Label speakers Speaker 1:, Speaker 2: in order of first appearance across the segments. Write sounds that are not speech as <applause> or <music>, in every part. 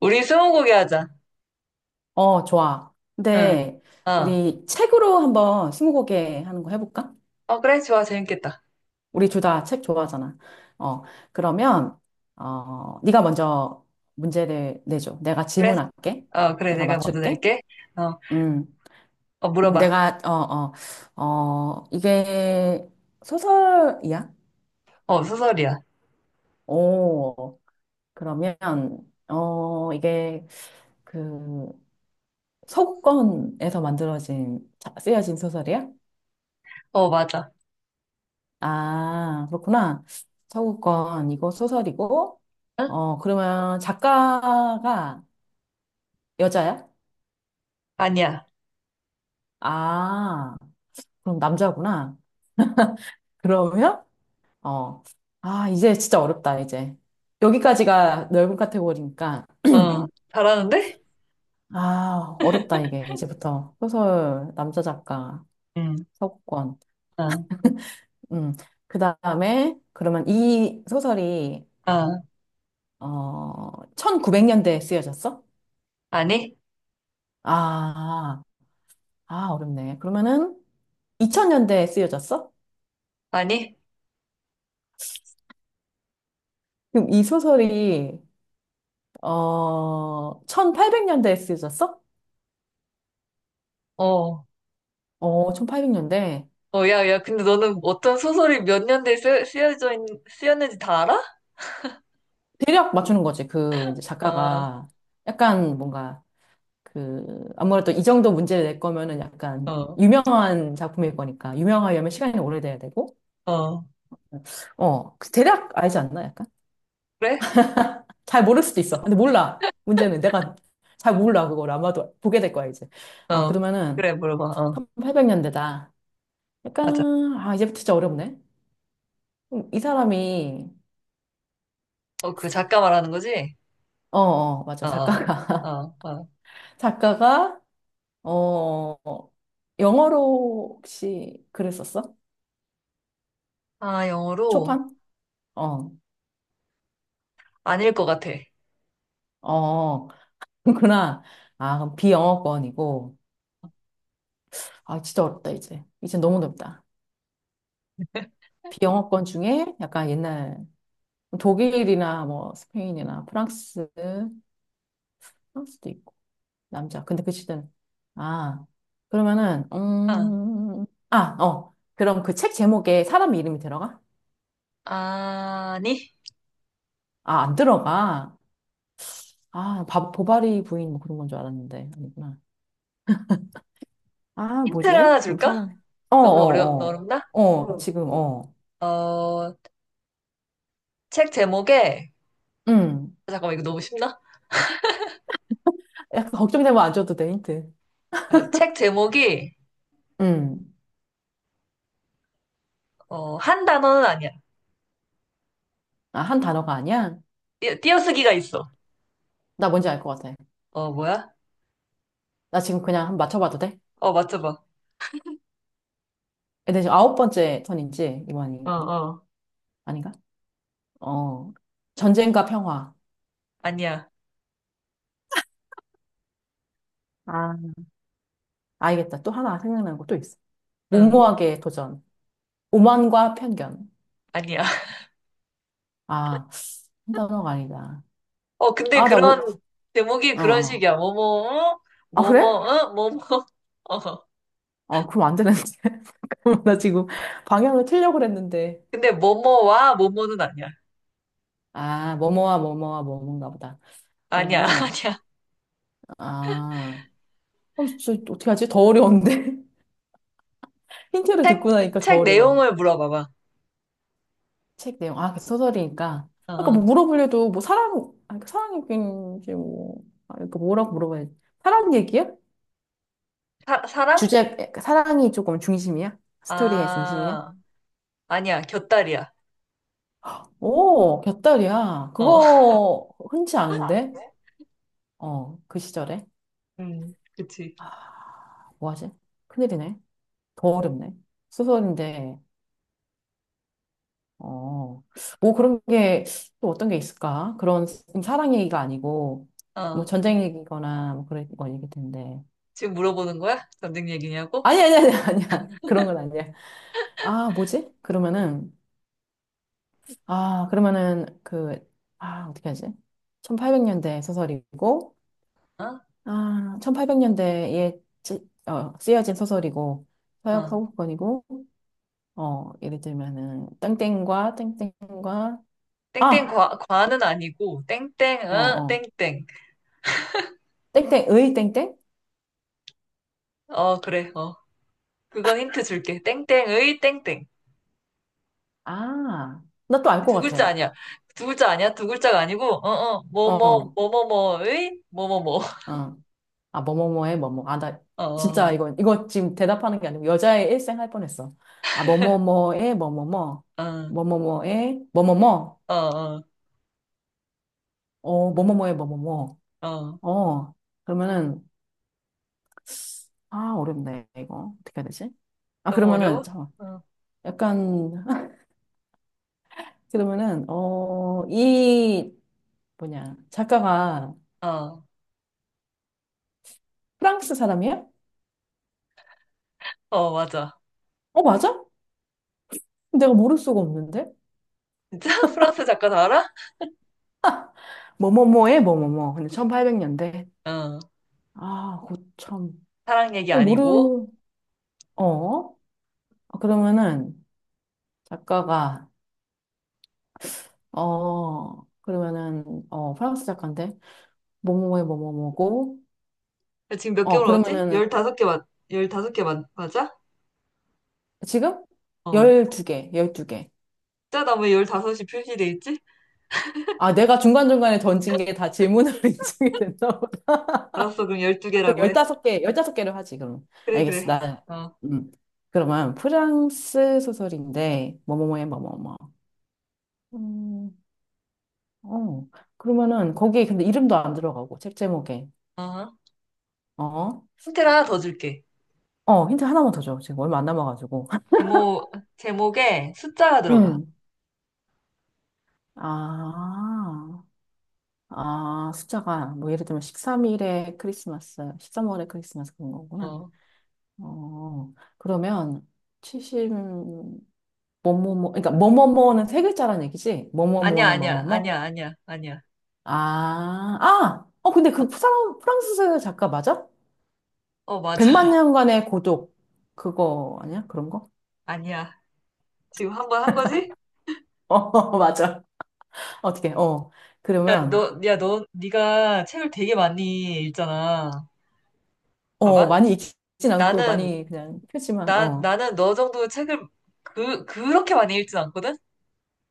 Speaker 1: 우리 스무고개 하자.
Speaker 2: 어, 좋아.
Speaker 1: 응.
Speaker 2: 근데
Speaker 1: 어.
Speaker 2: 우리 책으로 한번 스무고개 하는 거 해볼까?
Speaker 1: 어, 그래. 좋아. 재밌겠다.
Speaker 2: 우리 둘 다 책 좋아하잖아. 어, 그러면 네가 먼저 문제를 내줘. 내가
Speaker 1: 그래.
Speaker 2: 질문할게.
Speaker 1: 어, 그래.
Speaker 2: 내가
Speaker 1: 내가 먼저
Speaker 2: 맞출게.
Speaker 1: 낼게. 어,
Speaker 2: 음,
Speaker 1: 어, 물어봐.
Speaker 2: 내가 이게 소설이야?
Speaker 1: 어, 소설이야.
Speaker 2: 오, 그러면 이게 그 서구권에서 만들어진 쓰여진 소설이야?
Speaker 1: 어, 맞아.
Speaker 2: 아, 그렇구나. 서구권, 이거 소설이고,
Speaker 1: 응?
Speaker 2: 그러면 작가가 여자야?
Speaker 1: 아니야.
Speaker 2: 아, 그럼 남자구나. 그러면, 어, 이제 진짜 어렵다, 이제. 여기까지가 넓은 카테고리니까,
Speaker 1: 어, 잘하는데?
Speaker 2: 아, 어렵다,
Speaker 1: <laughs>
Speaker 2: 이게. 이제부터. 소설, 남자 작가,
Speaker 1: 응.
Speaker 2: 서구권.
Speaker 1: 어,
Speaker 2: 음, 그 다음에, 그러면 이 소설이,
Speaker 1: 어.
Speaker 2: 1900년대에 쓰여졌어?
Speaker 1: 아니?
Speaker 2: 아, 아, 어렵네. 그러면은, 2000년대에 쓰여졌어?
Speaker 1: 아니?
Speaker 2: 그럼 이 소설이, 1800년대에 쓰여졌어?
Speaker 1: 어.
Speaker 2: 어, 1800년대.
Speaker 1: 어, 야, 야, 근데 너는 어떤 소설이 몇 년대에 쓰였는지 다 알아?
Speaker 2: 대략 맞추는 거지. 그, 이제
Speaker 1: 어,
Speaker 2: 작가가 약간 뭔가, 그, 아무래도 이 정도 문제를 낼 거면은 약간
Speaker 1: 어,
Speaker 2: 유명한 작품일 거니까. 유명하려면 시간이 오래돼야 되고.
Speaker 1: 어.
Speaker 2: 그 대략 알지 않나? 약간?
Speaker 1: 그래?
Speaker 2: 잘 모를 수도 있어. 근데 몰라. 문제는 내가 잘 몰라. 그걸 아마도 보게 될 거야, 이제. 아,
Speaker 1: 어.
Speaker 2: 그러면은
Speaker 1: 그래, 물어봐. 어.
Speaker 2: 1800년대다.
Speaker 1: 맞아.
Speaker 2: 약간, 아, 이제부터 진짜 어렵네. 이 사람이,
Speaker 1: 어, 그 작가 말하는 거지?
Speaker 2: 맞아.
Speaker 1: 어, 어,
Speaker 2: 작가가, <laughs>
Speaker 1: 어. 어.
Speaker 2: 작가가, 어, 영어로 혹시 글을 썼어?
Speaker 1: 아, 영어로?
Speaker 2: 초판? 어,
Speaker 1: 아닐 것 같아.
Speaker 2: 어, <laughs> 그렇구나. 아, 그럼 비영어권이고. 아, 진짜 어렵다, 이제. 이제 너무 어렵다. 비영어권 중에 약간 옛날 독일이나 뭐 스페인이나 프랑스, 프랑스도 있고, 남자. 근데 그 시대는, 아, 그러면은,
Speaker 1: 아,
Speaker 2: 그럼 그 책 제목에 사람 이름이 들어가?
Speaker 1: 아니?
Speaker 2: 아, 안 들어가. 아, 보바리 부인 뭐 그런 건 줄 알았는데. 아니구나. 아,
Speaker 1: 힌트를
Speaker 2: 뭐지?
Speaker 1: 하나
Speaker 2: 뭐
Speaker 1: 줄까?
Speaker 2: 사람. 어,
Speaker 1: 너무
Speaker 2: 어,
Speaker 1: 어렵나?
Speaker 2: 어. 어, 지금, 어.
Speaker 1: 어, 어, 책 제목에,
Speaker 2: 음.
Speaker 1: 잠깐만, 이거 너무 쉽나?
Speaker 2: 약간 걱정되면 안 줘도 돼, 힌트.
Speaker 1: 어, 책 제목이,
Speaker 2: 음.
Speaker 1: 어, 한 단어는 아니야.
Speaker 2: 아, 한 단어가 아니야?
Speaker 1: 띄어쓰기가 있어.
Speaker 2: 나 뭔지 알 것 같아.
Speaker 1: 어, 뭐야?
Speaker 2: 나 지금 그냥 한번 맞춰봐도 돼?
Speaker 1: 어, 맞춰봐.
Speaker 2: 근데 지금 아홉 번째 턴인지, 이거
Speaker 1: 어, 어.
Speaker 2: 아닌가? 어. 전쟁과 평화.
Speaker 1: 아니야.
Speaker 2: 아, 알겠다. 또 하나 생각나는 거 또 있어.
Speaker 1: 응,
Speaker 2: 무모하게 도전. 오만과 편견.
Speaker 1: 아니야. <laughs>
Speaker 2: 아, 한 단어가 아니다.
Speaker 1: 어, 근데
Speaker 2: 아, 나 못,
Speaker 1: 그런, 제목이
Speaker 2: 어,
Speaker 1: 그런
Speaker 2: 어.
Speaker 1: 식이야. 뭐뭐, 응?
Speaker 2: 아, 그래?
Speaker 1: 뭐뭐, 응? 뭐뭐. <laughs> 어.
Speaker 2: 아, 그럼 안 되는데. <laughs> 그럼 나 지금 방향을 틀려고 그랬는데.
Speaker 1: 근데 뭐뭐와 뭐뭐는 아니야.
Speaker 2: 아, 뭐뭐와 뭐뭐와 뭐뭔가 보다.
Speaker 1: 아니야, <laughs>
Speaker 2: 그러면은,
Speaker 1: 아니야.
Speaker 2: 아, 진짜 어떻게 하지? 더 어려운데? <laughs> 힌트를
Speaker 1: 책,
Speaker 2: 듣고 나니까 더
Speaker 1: 책
Speaker 2: 어려워.
Speaker 1: 내용을 물어봐봐.
Speaker 2: 책 내용. 아, 그 소설이니까.
Speaker 1: 어.
Speaker 2: 아까 뭐
Speaker 1: 어.
Speaker 2: 물어보려도 뭐 사랑, 아, 그 사랑 얘기인지 뭐, 아, 그러니까 뭐라고 물어봐야지. 사랑 얘기야?
Speaker 1: 사랑?
Speaker 2: 주제, 사랑이 조금 중심이야? 스토리의 중심이야?
Speaker 1: 아, 아니야. 곁다리야.
Speaker 2: 오, 곁다리야.
Speaker 1: 어, <laughs>
Speaker 2: 그거 흔치 않은데? 어, 그 시절에.
Speaker 1: 그치.
Speaker 2: 아, 뭐하지? 큰일이네. 더 어렵네. 소설인데, 어, 뭐 그런 게 또 어떤 게 있을까? 그런 사랑 얘기가 아니고, 뭐
Speaker 1: 어.
Speaker 2: 전쟁 얘기거나 뭐 그런 건 얘기일 텐데.
Speaker 1: 지금 물어보는 거야? 전쟁 얘기냐고?
Speaker 2: 아니, 아니, 아니, <laughs> 아니야. 그런 건 아니야. 아, 뭐지? 그러면은, 아, 그러면은 그, 아, 어떻게 하지? 1800년대 소설이고,
Speaker 1: 어,
Speaker 2: 아, 1800년대에 쓰여진 소설이고, 서역
Speaker 1: 어.
Speaker 2: 서구권이고, 어, 예를 들면은, 땡땡과, 땡땡과,
Speaker 1: 땡땡
Speaker 2: 아!
Speaker 1: 과는 아니고, 땡땡,
Speaker 2: 어,
Speaker 1: 어,
Speaker 2: 어.
Speaker 1: 땡땡.
Speaker 2: 땡땡의 땡땡?
Speaker 1: 어, 그래, 어. 그건 힌트 줄게. 땡땡의 땡땡.
Speaker 2: 아, 나 또 알 것
Speaker 1: 두
Speaker 2: 같아.
Speaker 1: 글자 아니야. 두 글자 아니야. 두 글자가 아니고, 어, 어, 뭐,
Speaker 2: 어,
Speaker 1: 뭐,
Speaker 2: 어.
Speaker 1: 뭐, 뭐, 뭐의, 뭐, 뭐, 뭐.
Speaker 2: 어. 아, 뭐뭐뭐의 뭐뭐. 아, 나
Speaker 1: 어,
Speaker 2: 진짜
Speaker 1: 어,
Speaker 2: 이거 지금 대답하는 게 아니고 여자의 일생 할 뻔했어. 아, 뭐뭐뭐의 뭐뭐뭐.
Speaker 1: 어,
Speaker 2: 뭐뭐뭐의 뭐뭐뭐.
Speaker 1: 어, 어.
Speaker 2: 어, 뭐뭐뭐의 뭐뭐뭐.
Speaker 1: 어.
Speaker 2: 어, 그러면은, 어렵네, 이거. 어떻게 해야 되지? 아,
Speaker 1: 너무
Speaker 2: 그러면은,
Speaker 1: 어려워?
Speaker 2: 잠깐만.
Speaker 1: 어,
Speaker 2: 약간, <laughs> 그러면은, 어, 이, 뭐냐, 작가가
Speaker 1: 어,
Speaker 2: 프랑스 사람이야?
Speaker 1: 어, 맞아.
Speaker 2: 어, 맞아? 내가 모를 수가 없는데?
Speaker 1: 진짜? <laughs> 프랑스 작가 다 알아?
Speaker 2: 뭐뭐뭐에 뭐뭐뭐. 근데 1800년대.
Speaker 1: 어.
Speaker 2: 아, 고참.
Speaker 1: 사랑 얘기
Speaker 2: 이거
Speaker 1: 아니고.
Speaker 2: 모르, 어? 아, 그러면은, 작가가, 프랑스 작가인데, 뭐뭐뭐에 뭐뭐뭐고,
Speaker 1: 지금 몇 개월 왔지?
Speaker 2: 그러면은,
Speaker 1: 15개 맞, 열다섯 개 맞아?
Speaker 2: 지금?
Speaker 1: 어.
Speaker 2: 12개.
Speaker 1: 진짜 나왜 15이 표시돼 있지?
Speaker 2: 아, 내가 중간중간에 던진 게 다 질문으로 <laughs> 인증이 됐나.
Speaker 1: 알았어, 그럼
Speaker 2: 그럼
Speaker 1: 12개라고 해.
Speaker 2: 15개를 하지, 그럼.
Speaker 1: 그래,
Speaker 2: 알겠어.
Speaker 1: 그래.
Speaker 2: 나,
Speaker 1: 어,
Speaker 2: 음. 그러면 프랑스 소설인데, 뭐뭐뭐에 뭐뭐뭐. 음, 어. 그러면은, 거기에 근데 이름도 안 들어가고, 책 제목에.
Speaker 1: 어.
Speaker 2: 어?
Speaker 1: 힌트를 하나 더 줄게.
Speaker 2: 어, 힌트 하나만 더 줘. 지금 얼마 안 남아가지고. <laughs>
Speaker 1: 제목에 숫자가 들어가.
Speaker 2: 음. 아, 아, 숫자가, 뭐, 예를 들면 13일에 크리스마스, 십삼월에 크리스마스 그런 거구나.
Speaker 1: 어.
Speaker 2: 어, 그러면 70, 뭐뭐뭐, 그러니까 뭐뭐뭐는 세 글자란 얘기지?
Speaker 1: 아니야,
Speaker 2: 뭐뭐뭐의
Speaker 1: 아니야,
Speaker 2: 뭐뭐뭐?
Speaker 1: 아니야, 아니야, 아니야.
Speaker 2: 아! 어, 근데 그 프랑스 작가 맞아?
Speaker 1: 어,
Speaker 2: 백만
Speaker 1: 맞아.
Speaker 2: 년간의 고독. 그거 아니야? 그런 거?
Speaker 1: <laughs> 아니야. 지금 한 번 한 거지?
Speaker 2: <laughs> 어, 맞아. 어떻게, 어. 그러면,
Speaker 1: 네가 책을 되게 많이 읽잖아.
Speaker 2: 어,
Speaker 1: 봐봐.
Speaker 2: 많이 익진 않고
Speaker 1: 나는,
Speaker 2: 많이 그냥 표지만,
Speaker 1: 나,
Speaker 2: 어.
Speaker 1: 나는 너 정도 책을 그렇게 많이 읽진 않거든?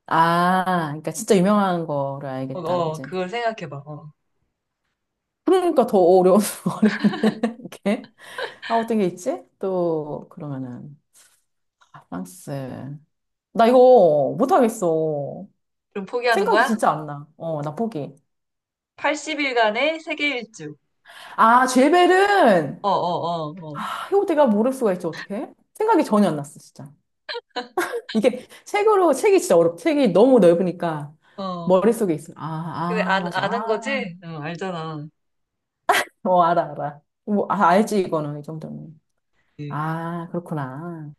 Speaker 2: 아, 그러니까 진짜 유명한 거를
Speaker 1: 어,
Speaker 2: 알겠다.
Speaker 1: 어,
Speaker 2: 그치?
Speaker 1: 그걸 생각해봐. 어.
Speaker 2: 그러니까 더 어려운, <laughs> 어렵네. 이렇게. 아, 어떤 게 있지? 또, 그러면은, 아, 프랑스. 나 이거 못하겠어.
Speaker 1: 그럼 포기하는
Speaker 2: 생각이
Speaker 1: 거야?
Speaker 2: 진짜 안 나. 어, 나 포기.
Speaker 1: 80일간의 세계 일주.
Speaker 2: 아, 죄벨은,
Speaker 1: 어, 어, 어,
Speaker 2: 아, 이거 내가 모를 수가 있지, 어떡해? 생각이 전혀 안 났어, 진짜. 이게 책으로, 책이 너무 넓으니까
Speaker 1: 어, 어.
Speaker 2: 머릿속에 있어.
Speaker 1: 근데
Speaker 2: 아, 아,
Speaker 1: 아,
Speaker 2: 맞아.
Speaker 1: 아는
Speaker 2: 아,
Speaker 1: 거지? 어, 알잖아.
Speaker 2: 어, 알아. 뭐, 아, 알지, 이거는, 이 정도면.
Speaker 1: 예.
Speaker 2: 아, 그렇구나.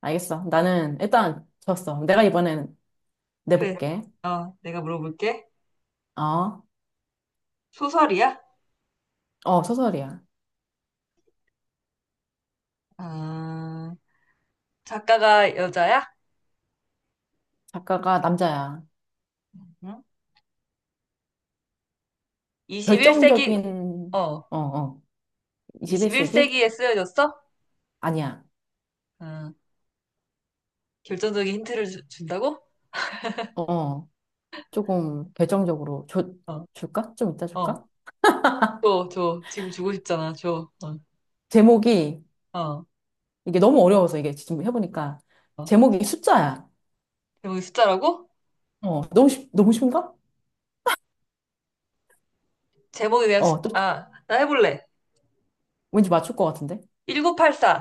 Speaker 2: 알겠어. 나는 일단 졌어. 내가 이번엔
Speaker 1: 그래.
Speaker 2: 내볼게.
Speaker 1: 어, 내가 물어볼게.
Speaker 2: 어,
Speaker 1: 소설이야?
Speaker 2: 어, 소설이야.
Speaker 1: 아, 작가가 여자야?
Speaker 2: 작가가 남자야.
Speaker 1: 응? 21세기,
Speaker 2: 결정적인,
Speaker 1: 어,
Speaker 2: 어, 어, 21세기?
Speaker 1: 21세기에 쓰여졌어?
Speaker 2: 아니야.
Speaker 1: 아, 결정적인 힌트를 준다고?
Speaker 2: 어. 어. 조금 결정적으로 줘,
Speaker 1: 어,
Speaker 2: 줄까? 좀 이따
Speaker 1: 어.
Speaker 2: 줄까?
Speaker 1: 줘, 줘. 지금 주고 싶잖아. 줘.
Speaker 2: 제목이
Speaker 1: 어, 어,
Speaker 2: 이게 너무 어려워서 이게 지금 해보니까
Speaker 1: 어.
Speaker 2: 제목이 숫자야.
Speaker 1: 제목이 숫자라고?
Speaker 2: 어, 너무 쉬운가?
Speaker 1: 제목에 대한 숫,
Speaker 2: 어, 또
Speaker 1: 아, 나 해볼래.
Speaker 2: 왠지 맞출 것 같은데?
Speaker 1: 1984.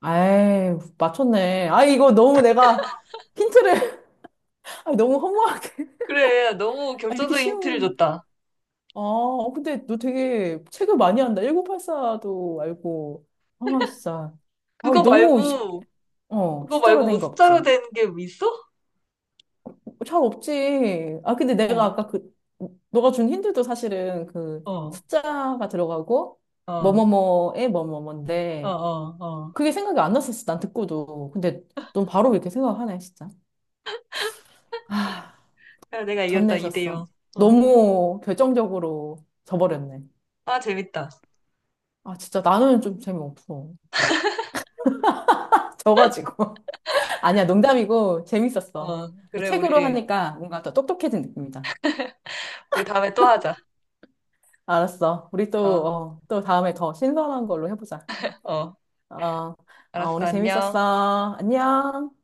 Speaker 2: 아이, 맞췄네. 아, 이거 너무 내가 힌트를 <laughs> 아, 너무 허무하게.
Speaker 1: 그래, 너무
Speaker 2: 아, 이렇게
Speaker 1: 결정적인 힌트를
Speaker 2: 쉬운.
Speaker 1: 줬다.
Speaker 2: 아, 어, 근데 너 되게 책을 많이 한다. 1984도 알고. 아, 진짜. 아,
Speaker 1: 그거 말고,
Speaker 2: 어,
Speaker 1: 그거
Speaker 2: 숫자로
Speaker 1: 말고 뭐
Speaker 2: 된 거
Speaker 1: 숫자로
Speaker 2: 없지?
Speaker 1: 된 게 있어?
Speaker 2: 어, 잘 없지. 아, 근데 내가
Speaker 1: 어,
Speaker 2: 아까 그, 너가 준 힌트도 사실은 그
Speaker 1: 어,
Speaker 2: 숫자가 들어가고,
Speaker 1: 어,
Speaker 2: 뭐뭐뭐에
Speaker 1: 어,
Speaker 2: 뭐뭐뭔데,
Speaker 1: 어, 어.
Speaker 2: 그게 생각이 안 났었어, 난 듣고도. 근데 넌 바로 이렇게 생각하네, 진짜. 아,
Speaker 1: 야, 내가 이겼다, 2대 0.
Speaker 2: 전내셨어.
Speaker 1: 어.
Speaker 2: 너무 결정적으로 져버렸네.
Speaker 1: 아, 재밌다.
Speaker 2: 아, 진짜 나는 좀 재미없어. 져가지고. <laughs> 아니야, 농담이고, 재밌었어.
Speaker 1: 어,
Speaker 2: 이
Speaker 1: 그래,
Speaker 2: 책으로
Speaker 1: 우리,
Speaker 2: 하니까 뭔가 더 똑똑해진 느낌이다.
Speaker 1: 우리 다음에 또 하자.
Speaker 2: 알았어. 우리
Speaker 1: 어,
Speaker 2: 또, 어, 또 다음에 더 신선한 걸로 해보자.
Speaker 1: 어.
Speaker 2: 어, 어,
Speaker 1: 알았어,
Speaker 2: 오늘
Speaker 1: 안녕.
Speaker 2: 재밌었어. 안녕.